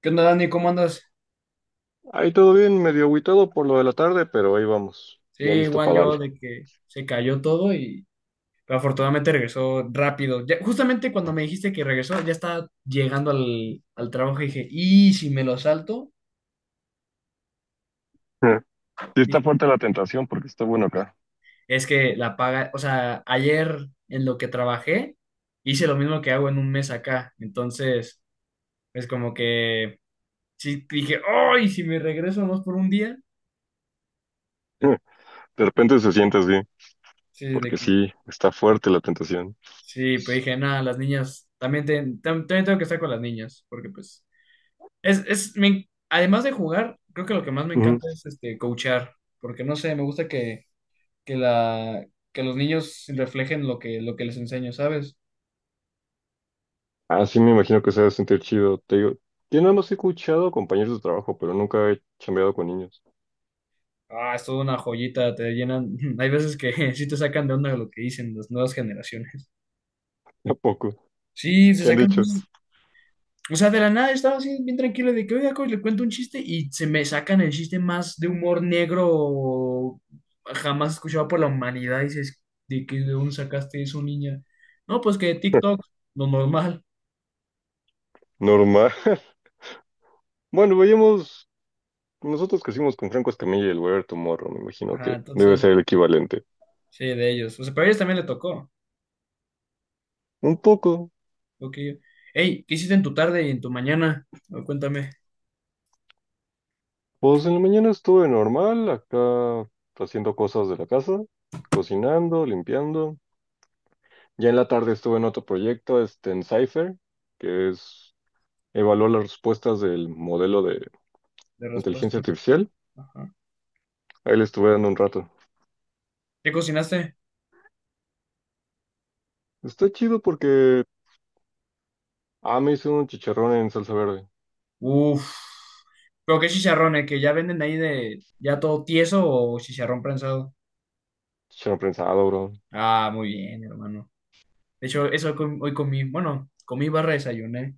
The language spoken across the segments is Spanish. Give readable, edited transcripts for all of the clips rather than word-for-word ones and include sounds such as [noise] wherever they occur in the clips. ¿Qué onda, Dani? ¿Cómo andas? Ahí todo bien, medio agüitado por lo de la tarde, pero ahí vamos, Sí, ya listo igual para yo darle. de que se cayó todo y pero afortunadamente regresó rápido. Ya- justamente cuando me dijiste que regresó, ya estaba llegando al trabajo y dije, ¿y si me lo salto? [laughs] Sí está Dije, fuerte la tentación porque está bueno acá. es que la paga, o sea, ayer en lo que trabajé, hice lo mismo que hago en un mes acá. Entonces, es como que sí dije, ¡ay! Si me regreso nomás por un día. [laughs] De repente se siente así, Sí, de porque que sí, está fuerte la tentación. sí, pues dije, nada, las niñas, también, también tengo que estar con las niñas, porque pues. Además de jugar, creo que lo que más me Ujú. encanta es este coachar, porque no sé, me gusta que la, que los niños reflejen lo que les enseño, ¿sabes? Ah, sí, me imagino que se va a sentir chido. Te digo, yo nada más he escuchado compañeros de trabajo, pero nunca he chambeado con niños. Ah, es toda una joyita, te llenan. [laughs] Hay veces que [laughs] sí te sacan de onda lo que dicen las nuevas generaciones. [laughs] Tampoco. Sí, se ¿Qué han sacan. dicho? O sea, de la nada estaba así bien tranquilo de que, oiga, coach, le cuento un chiste y se me sacan el chiste más de humor negro jamás escuchado por la humanidad. Y dices, ¿de qué, de dónde sacaste eso, niña? No, pues que de TikTok, lo normal. Normal. [laughs] Bueno, veíamos, nosotros crecimos con Franco Escamilla y el Weather Tomorrow, me imagino Ajá, que debe entonces, ser el equivalente. sí, de ellos. O sea, pero a ellos también le tocó. Un poco. Lo hey, ¿qué hiciste en tu tarde y en tu mañana? A ver, cuéntame Pues en la mañana estuve normal, acá haciendo cosas de la casa, cocinando, limpiando. Ya en la tarde estuve en otro proyecto, este, en Cypher, que es evaluar las respuestas del modelo de de inteligencia respuesta. artificial. Ajá. Ahí le estuve dando un rato. ¿Qué cocinaste? Está chido porque, ah, me hice un chicharrón en salsa verde. Uf. ¿Pero qué chicharrones? ¿Que ya venden ahí de ya todo tieso o chicharrón prensado? Chicharrón prensado, bro. Ah, muy bien, hermano. De hecho, hoy comí, bueno, comí barra desayuné.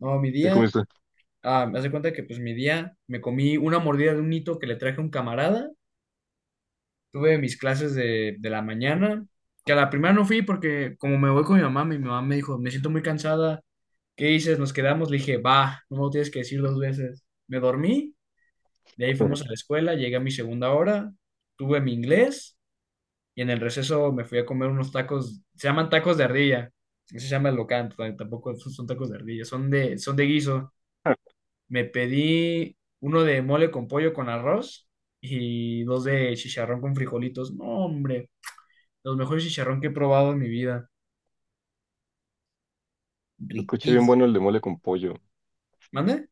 No, mi ¿Qué día, comiste? ah, me hace cuenta que pues mi día me comí una mordida de un hito que le traje a un camarada. Tuve mis clases de la mañana, que a la primera no fui porque como me voy con mi mamá me dijo, me siento muy cansada, ¿qué dices? Nos quedamos, le dije, va, no me lo tienes que decir dos veces. Me dormí, de ahí fuimos a la [laughs] escuela, llegué a mi segunda hora, tuve mi inglés. Y en el receso me fui a comer unos tacos, se llaman tacos de ardilla, así se llama el local, tampoco son tacos de ardilla, son de guiso. Se Me pedí uno de mole con pollo con arroz y dos de chicharrón con frijolitos. No, hombre, los mejores chicharrón que he probado en mi vida. escucha bien Riquísimo. bueno el de mole con pollo. ¿Mande?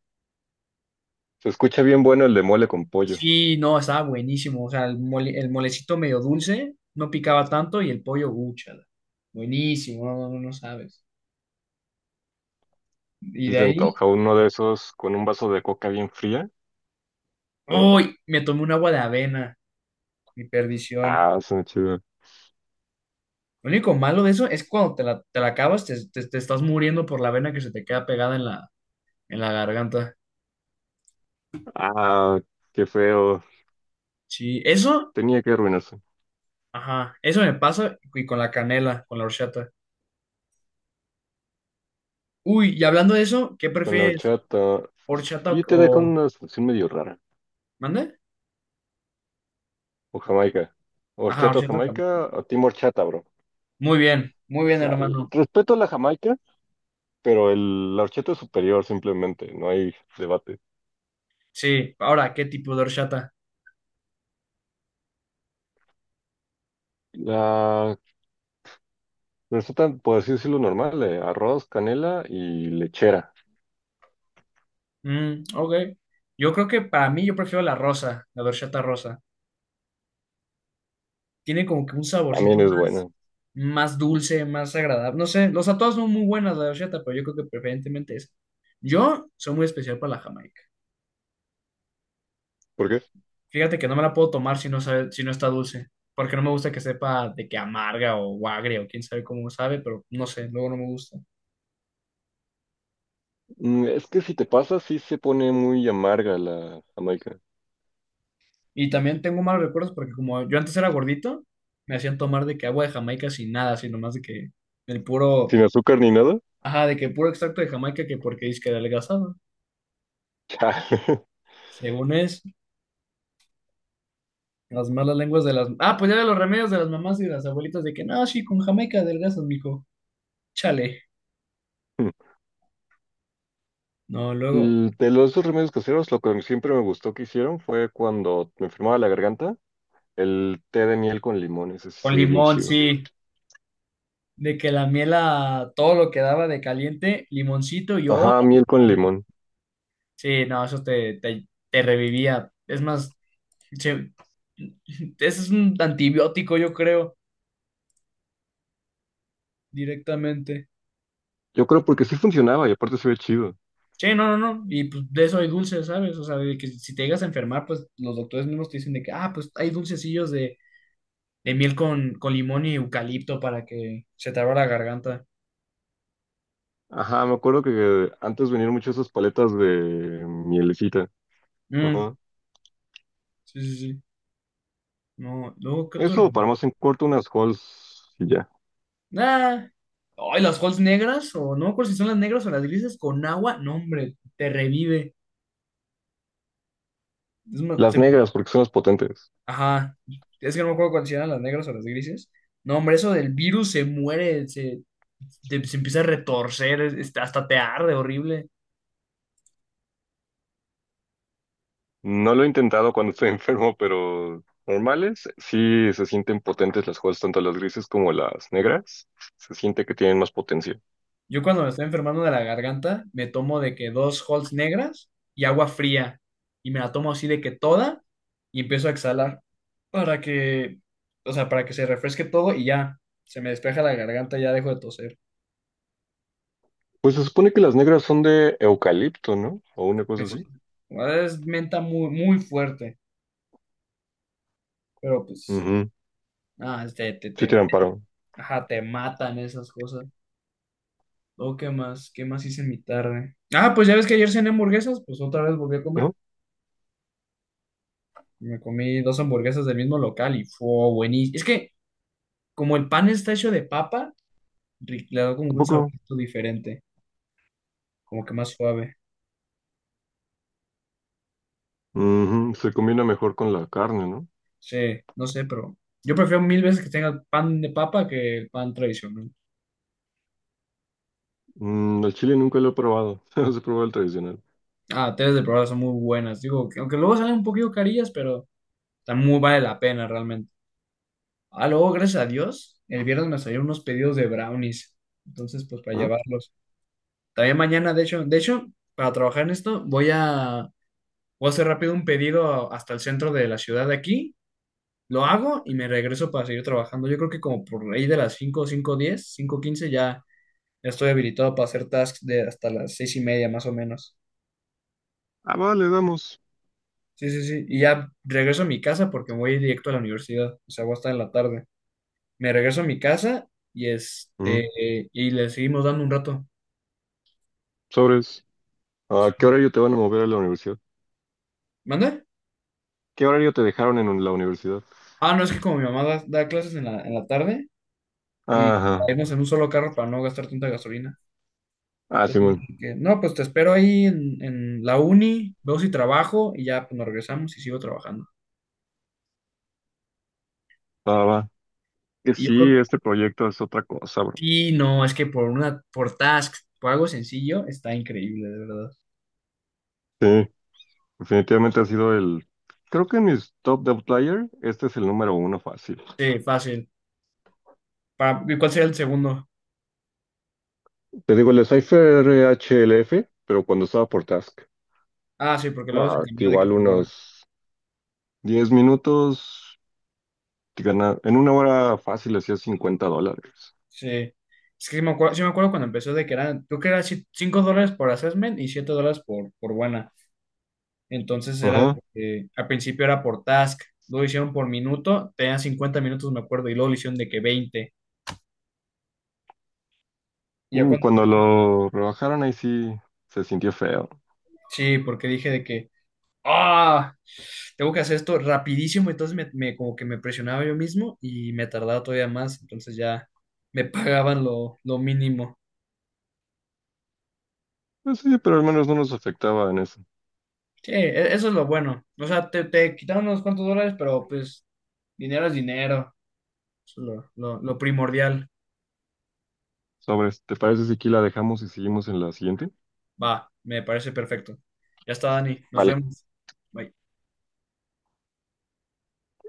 Se escucha bien bueno el de mole con pollo. Sí, no, estaba buenísimo. O sea, el mole, el molecito medio dulce, no picaba tanto y el pollo, úchala. Buenísimo, no, no, no sabes. Y Si de se ahí, antoja uno de esos con un vaso de coca bien fría. ¡uy! Me tomé un agua de avena. Mi perdición. Ah, suena chido. Lo único malo de eso es cuando te la acabas, te, te estás muriendo por la vena que se te queda pegada en la garganta. Ah, qué feo. Sí, eso, Tenía que arruinarse. ajá, eso me pasa y con la canela, con la horchata. Uy, y hablando de eso, ¿qué Con la prefieres? horchata. ¿Horchata Y te dejo o- una situación medio rara. ¿Mande? O Jamaica. Ajá, Horchata o horchata o Jamaica, camote. o Team Horchata, bro. Muy O bien, sea, el hermano. respeto a la Jamaica, pero el, la horchata es superior simplemente. No hay debate. Sí, ahora, ¿qué tipo de horchata? La receta, por así decirlo, normal, de arroz, canela y lechera. Mm, ok. Yo creo que para mí yo prefiero la rosa, la horchata rosa. Tiene como que un saborcito También es más, buena. más dulce, más agradable. No sé, los sea, todas son muy buenas la de horchata, pero yo creo que preferentemente esa. Yo soy muy especial para la jamaica. ¿Por qué? Fíjate que no me la puedo tomar si no sabe, si no está dulce, porque no me gusta que sepa de que amarga o agria o quién sabe cómo sabe, pero no sé, luego no me gusta. Mm, es que si te pasa, sí se pone muy amarga la Jamaica. Y también tengo malos recuerdos porque como yo antes era gordito, me hacían tomar de que agua de Jamaica sin nada, sino más de que el puro, Sin azúcar ni nada. ajá, de que puro extracto de Jamaica que porque es que adelgazaba, [laughs] según es. Las malas lenguas de las... Ah, pues ya de los remedios de las mamás y de las abuelitas de que, no, sí, con jamaica adelgazas, mijo. Chale. Chale. No, luego, Mm, de los dos remedios caseros, lo que siempre me gustó que hicieron fue cuando me enfermaba la garganta, el té de miel con limón, ese sí con se ve bien limón, chido. sí. De que la miel a todo lo que daba de caliente, limoncito y oro. Ajá, miel con limón. Sí, no, eso te revivía. Es más, se- [laughs] ese es un antibiótico, yo creo, directamente. Yo creo porque sí funcionaba y aparte se ve chido. Sí, no, no, no. Y pues de eso hay dulces, ¿sabes? O sea, de que si te llegas a enfermar, pues los doctores mismos te dicen de que, ah, pues hay dulcecillos de miel con limón y eucalipto para que se te abra la garganta. Ajá, me acuerdo que antes venían muchas esas paletas de mielecita. Mm, Ajá. sí, sí, sí. No, luego, ¿qué otro Eso, para relleno? más en corto, unas Halls y ya. Ah, ay, las holes negras, o no me acuerdo si son las negras o las grises, con agua, no, hombre, te revive. Es más, Las te- negras, porque son las potentes. ajá, es que no me acuerdo cuáles eran las negras o las grises. No, hombre, eso del virus se muere, se, te- se empieza a retorcer, es- hasta te arde horrible. No lo he intentado cuando estoy [laughs] enfermo, pero normales sí se sienten potentes las hojas, tanto las grises como las negras. Se siente que tienen más potencia. Yo cuando me estoy enfermando de la garganta, me tomo de que dos Halls negras y agua fría. Y me la tomo así de que toda y empiezo a exhalar para que, o sea, para que se refresque todo y ya, se me despeja la garganta, ya dejo de toser. Pues se supone que las negras son de eucalipto, ¿no? O una Qué cosa es, así. bueno, es menta muy, muy fuerte, pero pues, Ujú. ah, Sí tiran paro, ajá, te matan esas cosas. Oh, ¿qué más? ¿Qué más hice en mi tarde? Ah, pues ya ves que ayer cené hamburguesas, pues otra vez volví a comer. ¿no? Me comí dos hamburguesas del mismo local y fue buenísimo. Es que como el pan está hecho de papa, le da como un Tampoco. saborcito diferente, como que más suave. Ujú. Se combina mejor con la carne, ¿no? Sí, no sé, pero yo prefiero mil veces que tenga pan de papa que el pan tradicional. Mm, el chile nunca lo he probado. [laughs] No se probado el tradicional. Ah, tres de probada son muy buenas. Digo, que- aunque luego salen un poquito carillas, pero también muy vale la pena realmente. Ah, luego, gracias a Dios, el viernes me salieron unos pedidos de brownies. Entonces, pues para Ajá. llevarlos. También mañana, de hecho, para trabajar en esto, voy a hacer rápido un pedido hasta el centro de la ciudad de aquí. Lo hago y me regreso para seguir trabajando. Yo creo que como por ahí de las cinco, 5 diez, 5 15 ya ya estoy habilitado para hacer tasks de hasta las 6:30 más o menos. Ah, vale, damos. Sí, sí, sí. Y ya regreso a mi casa porque voy directo a la universidad. O sea, voy a estar en la tarde. Me regreso a mi casa y Mm, este y le seguimos dando un rato. sobres. ¿A Sí. qué horario te van a mover a la universidad? ¿Mande? ¿Qué horario te dejaron en la universidad? Ah, no, es que como mi mamá da clases en la tarde y Ajá. irnos en un solo carro para no gastar tanta gasolina. Ah, Entonces me simón. dije que, no, pues te espero ahí en la uni, veo si trabajo y ya pues, nos regresamos y sigo trabajando. Va, va. Que Y yo sí, creo que este proyecto es otra cosa, bro. sí, no, es que por una, por task, por algo sencillo, está increíble, de verdad. Sí, definitivamente ha sido el. Creo que en mis top de Outlier, este es el número uno fácil. Sí, fácil. Para, ¿y cuál sería el segundo? Te digo, el Cypher HLF, pero cuando estaba por Task. Ah, sí, porque luego se No, cambió de que igual por hora. unos 10 minutos, en una hora fácil hacía $50. Sí. Es que sí me acuerdo cuando empezó de que eran, creo que era $5 por assessment y $7 por buena. Entonces era, de Ajá. que al principio era por task, luego hicieron por minuto, tenían 50 minutos, me acuerdo, y luego lo hicieron de que 20. Y ya cuando Cuando fue- lo rebajaron, ahí sí se sintió feo. sí, porque dije de que, ah, tengo que hacer esto rapidísimo, entonces me, como que me presionaba yo mismo y me tardaba todavía más, entonces ya me [laughs] pagaban lo mínimo. Pues sí, pero al menos no nos afectaba en eso. Sí, eso es lo bueno. O sea, te quitaron unos cuantos dólares, pero pues dinero es dinero. Eso es lo, lo primordial. Sobres, ¿te parece si aquí la dejamos y seguimos en la siguiente? Va, me parece perfecto. Ya está, Dani, nos Vale. vemos. Bye.